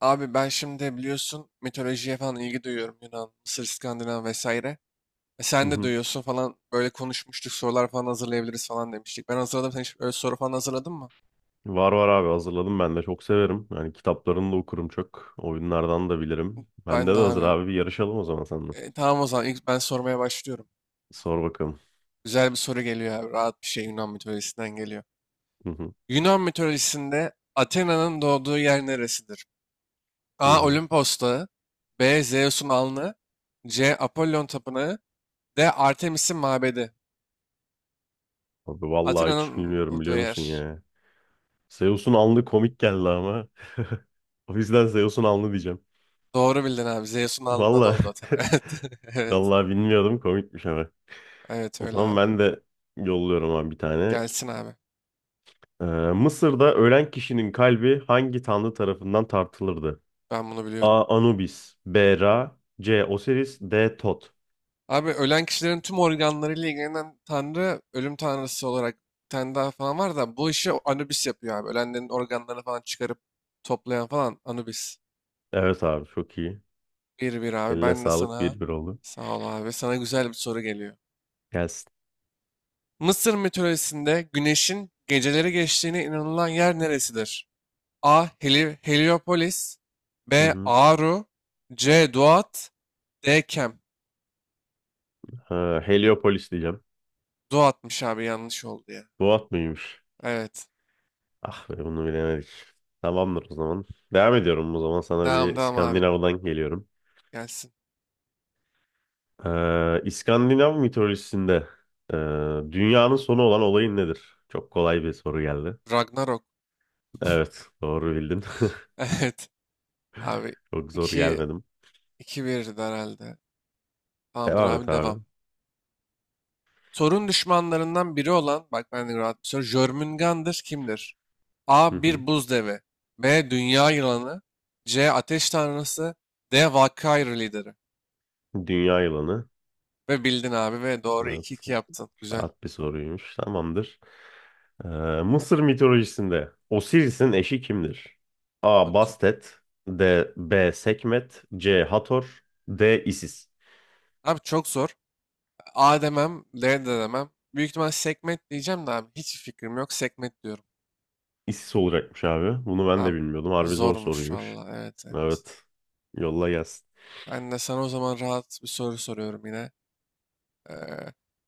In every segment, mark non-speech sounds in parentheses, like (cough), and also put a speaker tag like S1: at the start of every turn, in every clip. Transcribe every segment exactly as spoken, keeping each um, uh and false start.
S1: Abi ben şimdi biliyorsun mitolojiye falan ilgi duyuyorum. Yunan, Mısır, İskandinav vesaire. E
S2: Hı
S1: sen de
S2: hı.
S1: duyuyorsun falan böyle konuşmuştuk, sorular falan hazırlayabiliriz falan demiştik. Ben hazırladım. Sen hiç öyle soru falan hazırladın mı?
S2: Var var abi hazırladım ben de çok severim. Yani kitaplarını da okurum çok. Oyunlardan da bilirim. Bende
S1: Ben
S2: de
S1: de
S2: hazır
S1: abi.
S2: abi bir yarışalım o zaman seninle.
S1: E, tamam o zaman ilk ben sormaya başlıyorum.
S2: Sor bakalım.
S1: Güzel bir soru geliyor abi. Rahat bir şey, Yunan mitolojisinden geliyor.
S2: Hı hı.
S1: Yunan mitolojisinde Athena'nın doğduğu yer neresidir?
S2: Hı
S1: A.
S2: hı.
S1: Olimpos Dağı. B. Zeus'un alnı. C. Apollon Tapınağı. D. Artemis'in mabedi.
S2: Abi vallahi hiç
S1: Athena'nın
S2: bilmiyorum
S1: doğduğu
S2: biliyor musun
S1: yer.
S2: ya. Zeus'un alnı komik geldi ama. (laughs) O yüzden Zeus'un alnı diyeceğim.
S1: Doğru bildin abi. Zeus'un alnında doğdu
S2: Vallahi
S1: Athena.
S2: (laughs)
S1: (laughs) Evet. Evet.
S2: vallahi bilmiyordum komikmiş ama.
S1: Evet
S2: O
S1: öyle
S2: zaman
S1: abi.
S2: ben de yolluyorum abi bir tane.
S1: Gelsin abi.
S2: Ee, Mısır'da ölen kişinin kalbi hangi tanrı tarafından tartılırdı?
S1: Ben bunu biliyorum.
S2: A. Anubis. B. Ra. C. Osiris. D. Tot.
S1: Abi ölen kişilerin tüm organlarıyla ilgilenen tanrı, ölüm tanrısı olarak bir tane daha falan var da, bu işi Anubis yapıyor abi. Ölenlerin organlarını falan çıkarıp toplayan falan Anubis.
S2: Evet abi çok iyi.
S1: Bir bir abi.
S2: Eline
S1: Ben de
S2: sağlık.
S1: sana
S2: Bir bir oldu.
S1: sağ ol abi. Sana güzel bir soru geliyor.
S2: Gelsin.
S1: Mısır mitolojisinde güneşin geceleri geçtiğine inanılan yer neresidir? A. Heli- Heliopolis
S2: Hı
S1: B.
S2: hı.
S1: Aru. C. Duat. D. Kem.
S2: Ha, Heliopolis diyeceğim.
S1: Duat'mış abi, yanlış oldu ya.
S2: Bu at mıymış?
S1: Evet.
S2: Ah be bunu bilemedik. Tamamdır o zaman. Devam ediyorum o zaman. Sana bir
S1: Devam devam abi.
S2: İskandinav'dan geliyorum.
S1: Gelsin.
S2: Ee, İskandinav mitolojisinde ee, dünyanın sonu olan olayın nedir? Çok kolay bir soru geldi.
S1: Ragnarok. (laughs)
S2: Evet doğru bildin. (laughs)
S1: Evet abi.
S2: Çok zor
S1: iki
S2: gelmedim.
S1: 2 birdi herhalde. Tamamdır
S2: Devam et
S1: abi, devam.
S2: abi.
S1: Thor'un düşmanlarından biri olan, bak ben de rahat bir soru. Jörmungandr kimdir?
S2: Hı
S1: A.
S2: hı.
S1: Bir buz devi. B. Dünya yılanı. C. Ateş tanrısı. D. Valkyrie lideri.
S2: Dünya yılanı.
S1: Ve bildin abi ve doğru iki
S2: Evet.
S1: iki yaptın. Güzel.
S2: Rahat bir soruymuş. Tamamdır. Ee, Mısır mitolojisinde Osiris'in eşi kimdir? A.
S1: Bak
S2: Bastet D. B. Sekmet C. Hator D. Isis.
S1: abi, çok zor. A demem, L de demem. Büyük ihtimal segment diyeceğim de, abi hiç fikrim yok. Segment diyorum.
S2: Isis olacakmış abi. Bunu ben de
S1: Abi
S2: bilmiyordum. Harbi zor
S1: zormuş
S2: soruymuş.
S1: valla. Evet evet.
S2: Evet. Yolla gelsin.
S1: Ben de sana o zaman rahat bir soru soruyorum yine. Ee,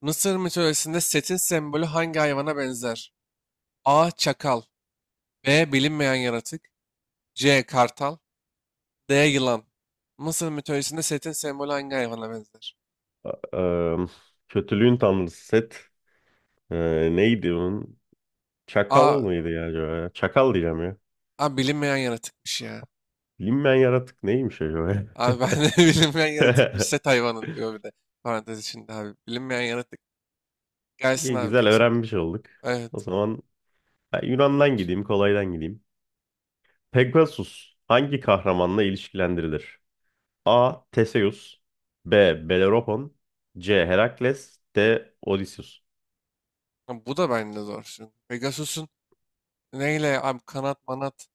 S1: Mısır mitolojisinde Set'in sembolü hangi hayvana benzer? A. Çakal. B. Bilinmeyen yaratık. C. Kartal. D. Yılan. Mısır mitolojisinde Set'in sembolü hangi hayvana benzer?
S2: Ee, kötülüğün tanrısı Set. Ee, neydi onun? Çakal
S1: A.
S2: mıydı ya acaba? Ya? Çakal diyeceğim ya.
S1: A bilinmeyen yaratıkmış ya.
S2: Bilinmeyen yaratık neymiş acaba? Ya?
S1: Abi ben de (laughs) bilinmeyen yaratık, bir set
S2: (laughs)
S1: hayvanın diyor, bir de parantez içinde abi. Bilinmeyen yaratık. Gelsin
S2: İyi
S1: abi
S2: güzel
S1: sana.
S2: öğrenmiş olduk. O
S1: Evet.
S2: zaman ben Yunan'dan gideyim, kolaydan gideyim. Pegasus hangi kahramanla ilişkilendirilir? A. Theseus B. Bellerophon C. Herakles D. Odysseus.
S1: Ha, bu da bende zor şimdi. Pegasus'un neyle abi, kanat manat,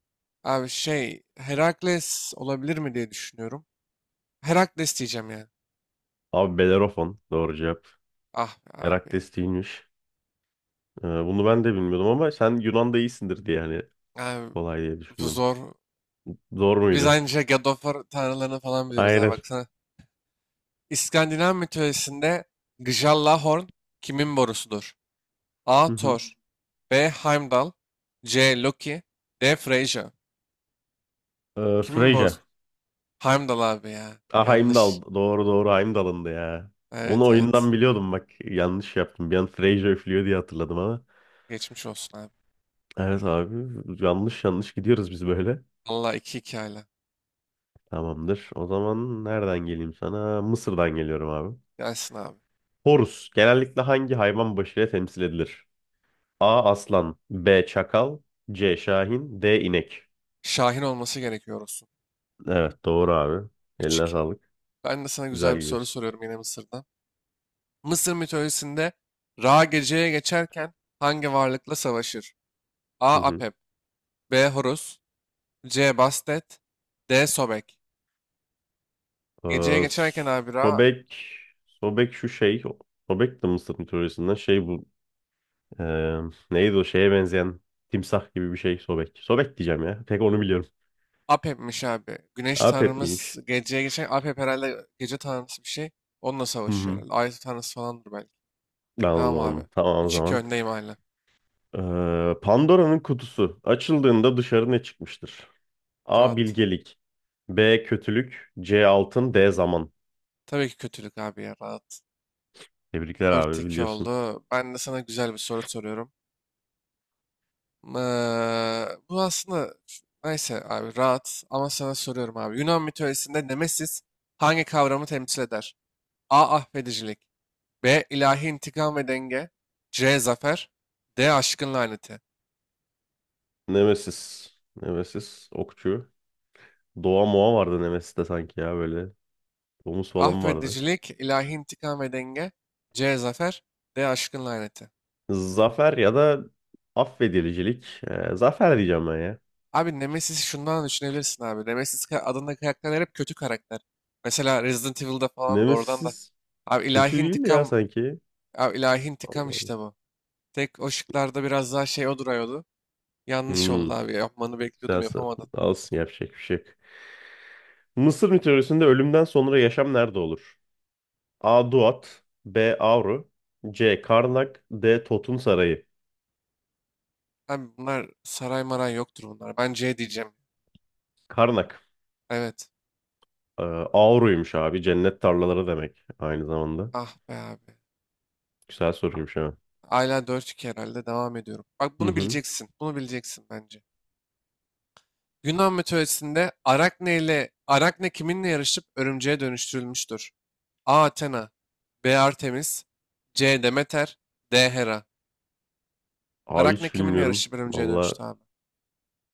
S1: abi şey Herakles olabilir mi diye düşünüyorum. Herakles diyeceğim yani.
S2: Abi Bellerophon doğru cevap.
S1: Ah be abi ya.
S2: Herakles değilmiş. Ee, bunu ben de bilmiyordum ama sen Yunan'da iyisindir diye hani
S1: Abi
S2: kolay diye
S1: bu
S2: düşündüm.
S1: zor.
S2: Zor
S1: Biz
S2: muydu?
S1: anca God of War tanrılarını falan biliyoruz abi,
S2: Aynen.
S1: baksana. İskandinav mitolojisinde Gjallahorn kimin borusudur? A.
S2: Hı hı.
S1: Thor. B. Heimdall. C. Loki. D. Frasier.
S2: Ee,
S1: Kimin borç?
S2: Freyja.
S1: Heimdall abi ya.
S2: Ah
S1: Yanlış.
S2: Heimdall. Doğru doğru Heimdall'ındı ya. Onu
S1: Evet evet.
S2: oyundan biliyordum bak. Yanlış yaptım. Bir an Freyja üflüyor diye hatırladım ama.
S1: Geçmiş olsun abi.
S2: Evet abi yanlış yanlış gidiyoruz biz böyle.
S1: Allah, iki 2 hala.
S2: Tamamdır. O zaman nereden geleyim sana? Mısır'dan geliyorum abi.
S1: Gelsin abi.
S2: Horus genellikle hangi hayvan başıyla temsil edilir? A. Aslan B. Çakal C. Şahin D. İnek.
S1: Şahin olması gerekiyor olsun.
S2: Evet doğru abi. Eline
S1: üç iki.
S2: sağlık.
S1: Ben de sana güzel
S2: Güzel
S1: bir soru
S2: gidiyorsun.
S1: soruyorum yine Mısır'dan. Mısır mitolojisinde Ra geceye geçerken hangi varlıkla savaşır? A.
S2: Hı hı.
S1: Apep. B. Horus. C. Bastet. D. Sobek. Geceye
S2: Ee,
S1: geçerken abi Ra,
S2: Sobek Sobek şu şey Sobek de Mısır mitolojisinden şey bu ee, neydi o şeye benzeyen timsah gibi bir şey Sobek. Sobek diyeceğim ya. Tek onu biliyorum.
S1: Apep'miş abi. Güneş
S2: Apep
S1: tanrımız
S2: miymiş?
S1: geceye geçen Apep, herhalde gece tanrısı bir şey. Onunla
S2: Hı
S1: savaşıyor
S2: hı.
S1: herhalde. Ay tanrısı falandır belki. Devam abi.
S2: Tamam, tamam o
S1: üç iki
S2: zaman.
S1: öndeyim hala.
S2: Ee, Pandora'nın kutusu açıldığında dışarı ne çıkmıştır? A.
S1: Rahat.
S2: Bilgelik B. Kötülük C. Altın D. Zaman.
S1: Tabii ki kötülük abi ya, rahat.
S2: Tebrikler
S1: dört
S2: abi
S1: iki
S2: biliyorsun.
S1: oldu. Ben de sana güzel bir soru soruyorum. Eee, bu aslında, neyse abi, rahat ama sana soruyorum abi. Yunan mitolojisinde Nemesis hangi kavramı temsil eder? A. Affedicilik. B. ilahi intikam ve denge. C. Zafer. D. Aşkın laneti.
S2: Nemesis. Nemesis. Okçu. Doğa Moğa vardı Nemesis'te sanki ya böyle. Domuz falan vardı.
S1: Affedicilik, ilahi intikam ve denge. C. Zafer. D. Aşkın laneti.
S2: Zafer ya da affedilicilik. Ee, zafer diyeceğim ben ya.
S1: Abi Nemesis'i şundan düşünebilirsin abi. Nemesis ka- adında karakterler hep kötü karakter. Mesela Resident Evil'da falan, da oradan da.
S2: Nemesis
S1: Abi
S2: kötü
S1: ilahi
S2: değil mi ya
S1: intikam,
S2: sanki?
S1: abi ilahi intikam,
S2: Allah
S1: işte
S2: Allah.
S1: bu. Tek o şıklarda biraz daha şey o duruyordu. Yanlış
S2: Hmm,
S1: oldu abi. Yapmanı bekliyordum,
S2: güzel soru.
S1: yapamadım.
S2: Olsun yapacak bir şey yok. Mısır mitolojisinde ölümden sonra yaşam nerede olur? A. Duat B. Avru C. Karnak D. Totun Sarayı.
S1: Abi bunlar saray maray yoktur bunlar. Ben C diyeceğim.
S2: Karnak.
S1: Evet.
S2: Ee, Auru'ymuş abi. Cennet tarlaları demek aynı zamanda.
S1: Ah be abi.
S2: Güzel soruymuş ha.
S1: Hala dört iki herhalde. Devam ediyorum. Bak,
S2: Hı
S1: bunu
S2: hı.
S1: bileceksin. Bunu bileceksin bence. Yunan mitolojisinde Arakne ile Arakne kiminle yarışıp örümceğe dönüştürülmüştür? A. Athena. B. Artemis. C. Demeter. D. Hera.
S2: Abi
S1: Arakne
S2: hiç
S1: kiminle
S2: bilmiyorum.
S1: yarışıp örümceğe
S2: Valla
S1: dönüştü abi?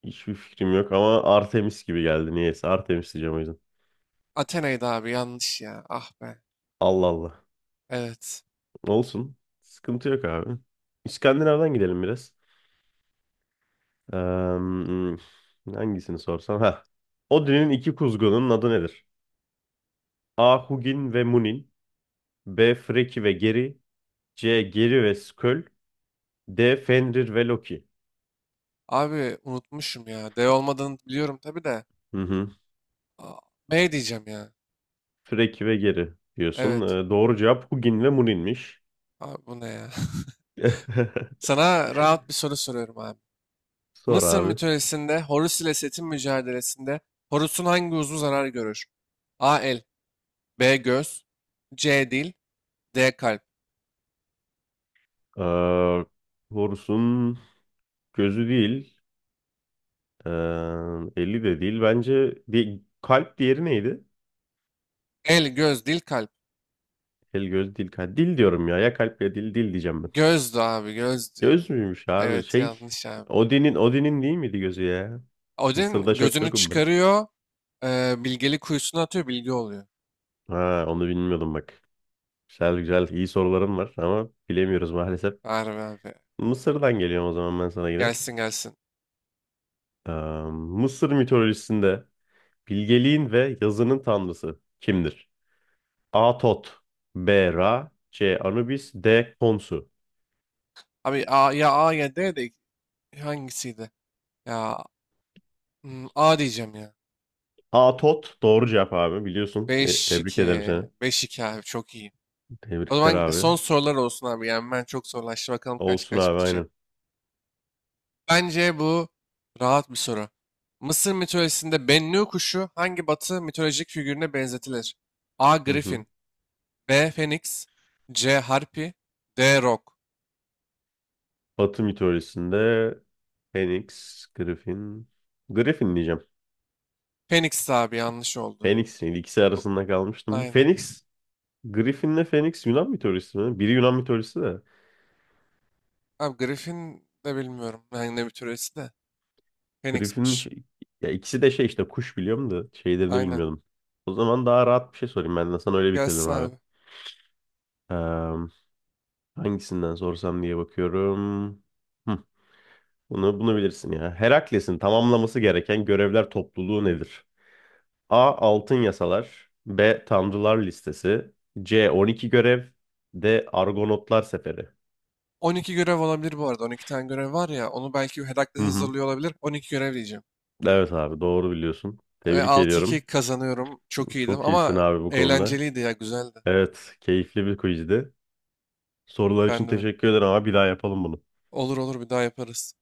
S2: hiçbir fikrim yok ama Artemis gibi geldi niyeyse. Artemis diyeceğim o yüzden.
S1: Athena'ydı abi, yanlış ya. Ah be.
S2: Allah Allah.
S1: Evet.
S2: Olsun. Sıkıntı yok abi. İskandinav'dan gidelim biraz. Ee, hangisini sorsam? Ha. Odin'in iki kuzgunun adı nedir? A. Hugin ve Munin B. Freki ve Geri C. Geri ve Sköll D. Fenrir ve Loki.
S1: Abi unutmuşum ya. D olmadığını biliyorum tabii de.
S2: Hı hı.
S1: A- B diyeceğim ya.
S2: Freki ve Geri diyorsun.
S1: Evet.
S2: Ee, doğru cevap Hugin ve Munin'miş.
S1: Abi bu ne ya?
S2: (laughs)
S1: (laughs) Sana rahat bir soru soruyorum abi.
S2: Sor
S1: Mısır
S2: abi.
S1: mitolojisinde Horus ile Set'in mücadelesinde Horus'un hangi uzvu zarar görür? A. El, B. göz, C. dil, D. kalp.
S2: Ee, Horus'un gözü değil. ee, eli de değil. Bence di- kalp diğeri neydi?
S1: El, göz, dil, kalp.
S2: El, göz, dil, kalp. Dil diyorum ya. Ya kalp ya dil. Dil diyeceğim ben.
S1: Gözdü abi, gözdü.
S2: Göz müymüş abi?
S1: Evet
S2: Şey.
S1: yanlış abi.
S2: Odin'in Odin'in değil miydi gözü ya? Mısır'da
S1: Odin
S2: çok
S1: gözünü
S2: yokum ben.
S1: çıkarıyor, e, bilgeli kuyusuna atıyor, bilgi oluyor.
S2: Ha, onu bilmiyordum bak. Güzel güzel iyi soruların var ama bilemiyoruz maalesef.
S1: Harbi abi.
S2: Mısır'dan geliyorum o zaman ben sana yine.
S1: Gelsin gelsin.
S2: Ee, Mısır mitolojisinde bilgeliğin ve yazının tanrısı kimdir? A. Tot, B. Ra, C. Anubis, D. Khonsu.
S1: Abi A, ya A ya D de, hangisiydi? Ya hmm, A diyeceğim ya.
S2: A. Tot doğru cevap abi biliyorsun. E, tebrik ederim
S1: beş iki.
S2: seni.
S1: beş iki abi çok iyi. O
S2: Tebrikler
S1: zaman
S2: abi.
S1: son sorular olsun abi. Yani, ben çok zorlaştı. Bakalım kaç
S2: Olsun
S1: kaç
S2: abi
S1: bitecek.
S2: aynen.
S1: Bence bu rahat bir soru. Mısır mitolojisinde Bennu kuşu hangi batı mitolojik figürüne benzetilir? A.
S2: Hı hı.
S1: Griffin. B. Phoenix. C. Harpy. D. Rock.
S2: Batı mitolojisinde Phoenix, Griffin. Griffin diyeceğim.
S1: Phoenix abi, yanlış oldu.
S2: Phoenix değil, ikisi
S1: Bu,
S2: arasında kalmıştım. Bu
S1: aynen.
S2: Phoenix Griffin'le Phoenix Yunan mitolojisi mi? Biri Yunan mitolojisi de.
S1: Abi Griffin de bilmiyorum. Yani ne mitolojisi de.
S2: Griffin
S1: Phoenix'miş.
S2: şey- ya ikisi de şey işte kuş biliyorum da şeylerini
S1: Aynen.
S2: bilmiyordum. O zaman daha rahat bir şey sorayım ben de sana öyle bitirelim
S1: Gelsin
S2: abi.
S1: abi.
S2: Ee, hangisinden sorsam diye bakıyorum. Hı, bunu bunu bilirsin ya. Herakles'in tamamlaması gereken görevler topluluğu nedir? A. Altın yasalar. B. Tanrılar listesi. C. on iki görev. D. Argonotlar seferi.
S1: on iki görev olabilir bu arada. on iki tane görev var ya. Onu belki
S2: Hı
S1: Herakles
S2: hı.
S1: hazırlıyor olabilir. on iki görev diyeceğim.
S2: Evet abi doğru biliyorsun.
S1: Ve
S2: Tebrik
S1: altı iki
S2: ediyorum.
S1: kazanıyorum. Çok iyiydim
S2: Çok iyisin
S1: ama,
S2: abi bu konuda.
S1: eğlenceliydi ya. Güzeldi.
S2: Evet, keyifli bir quizdi. Sorular
S1: Ben
S2: için
S1: de öyle.
S2: teşekkür ederim ama bir daha yapalım bunu.
S1: Olur olur, bir daha yaparız.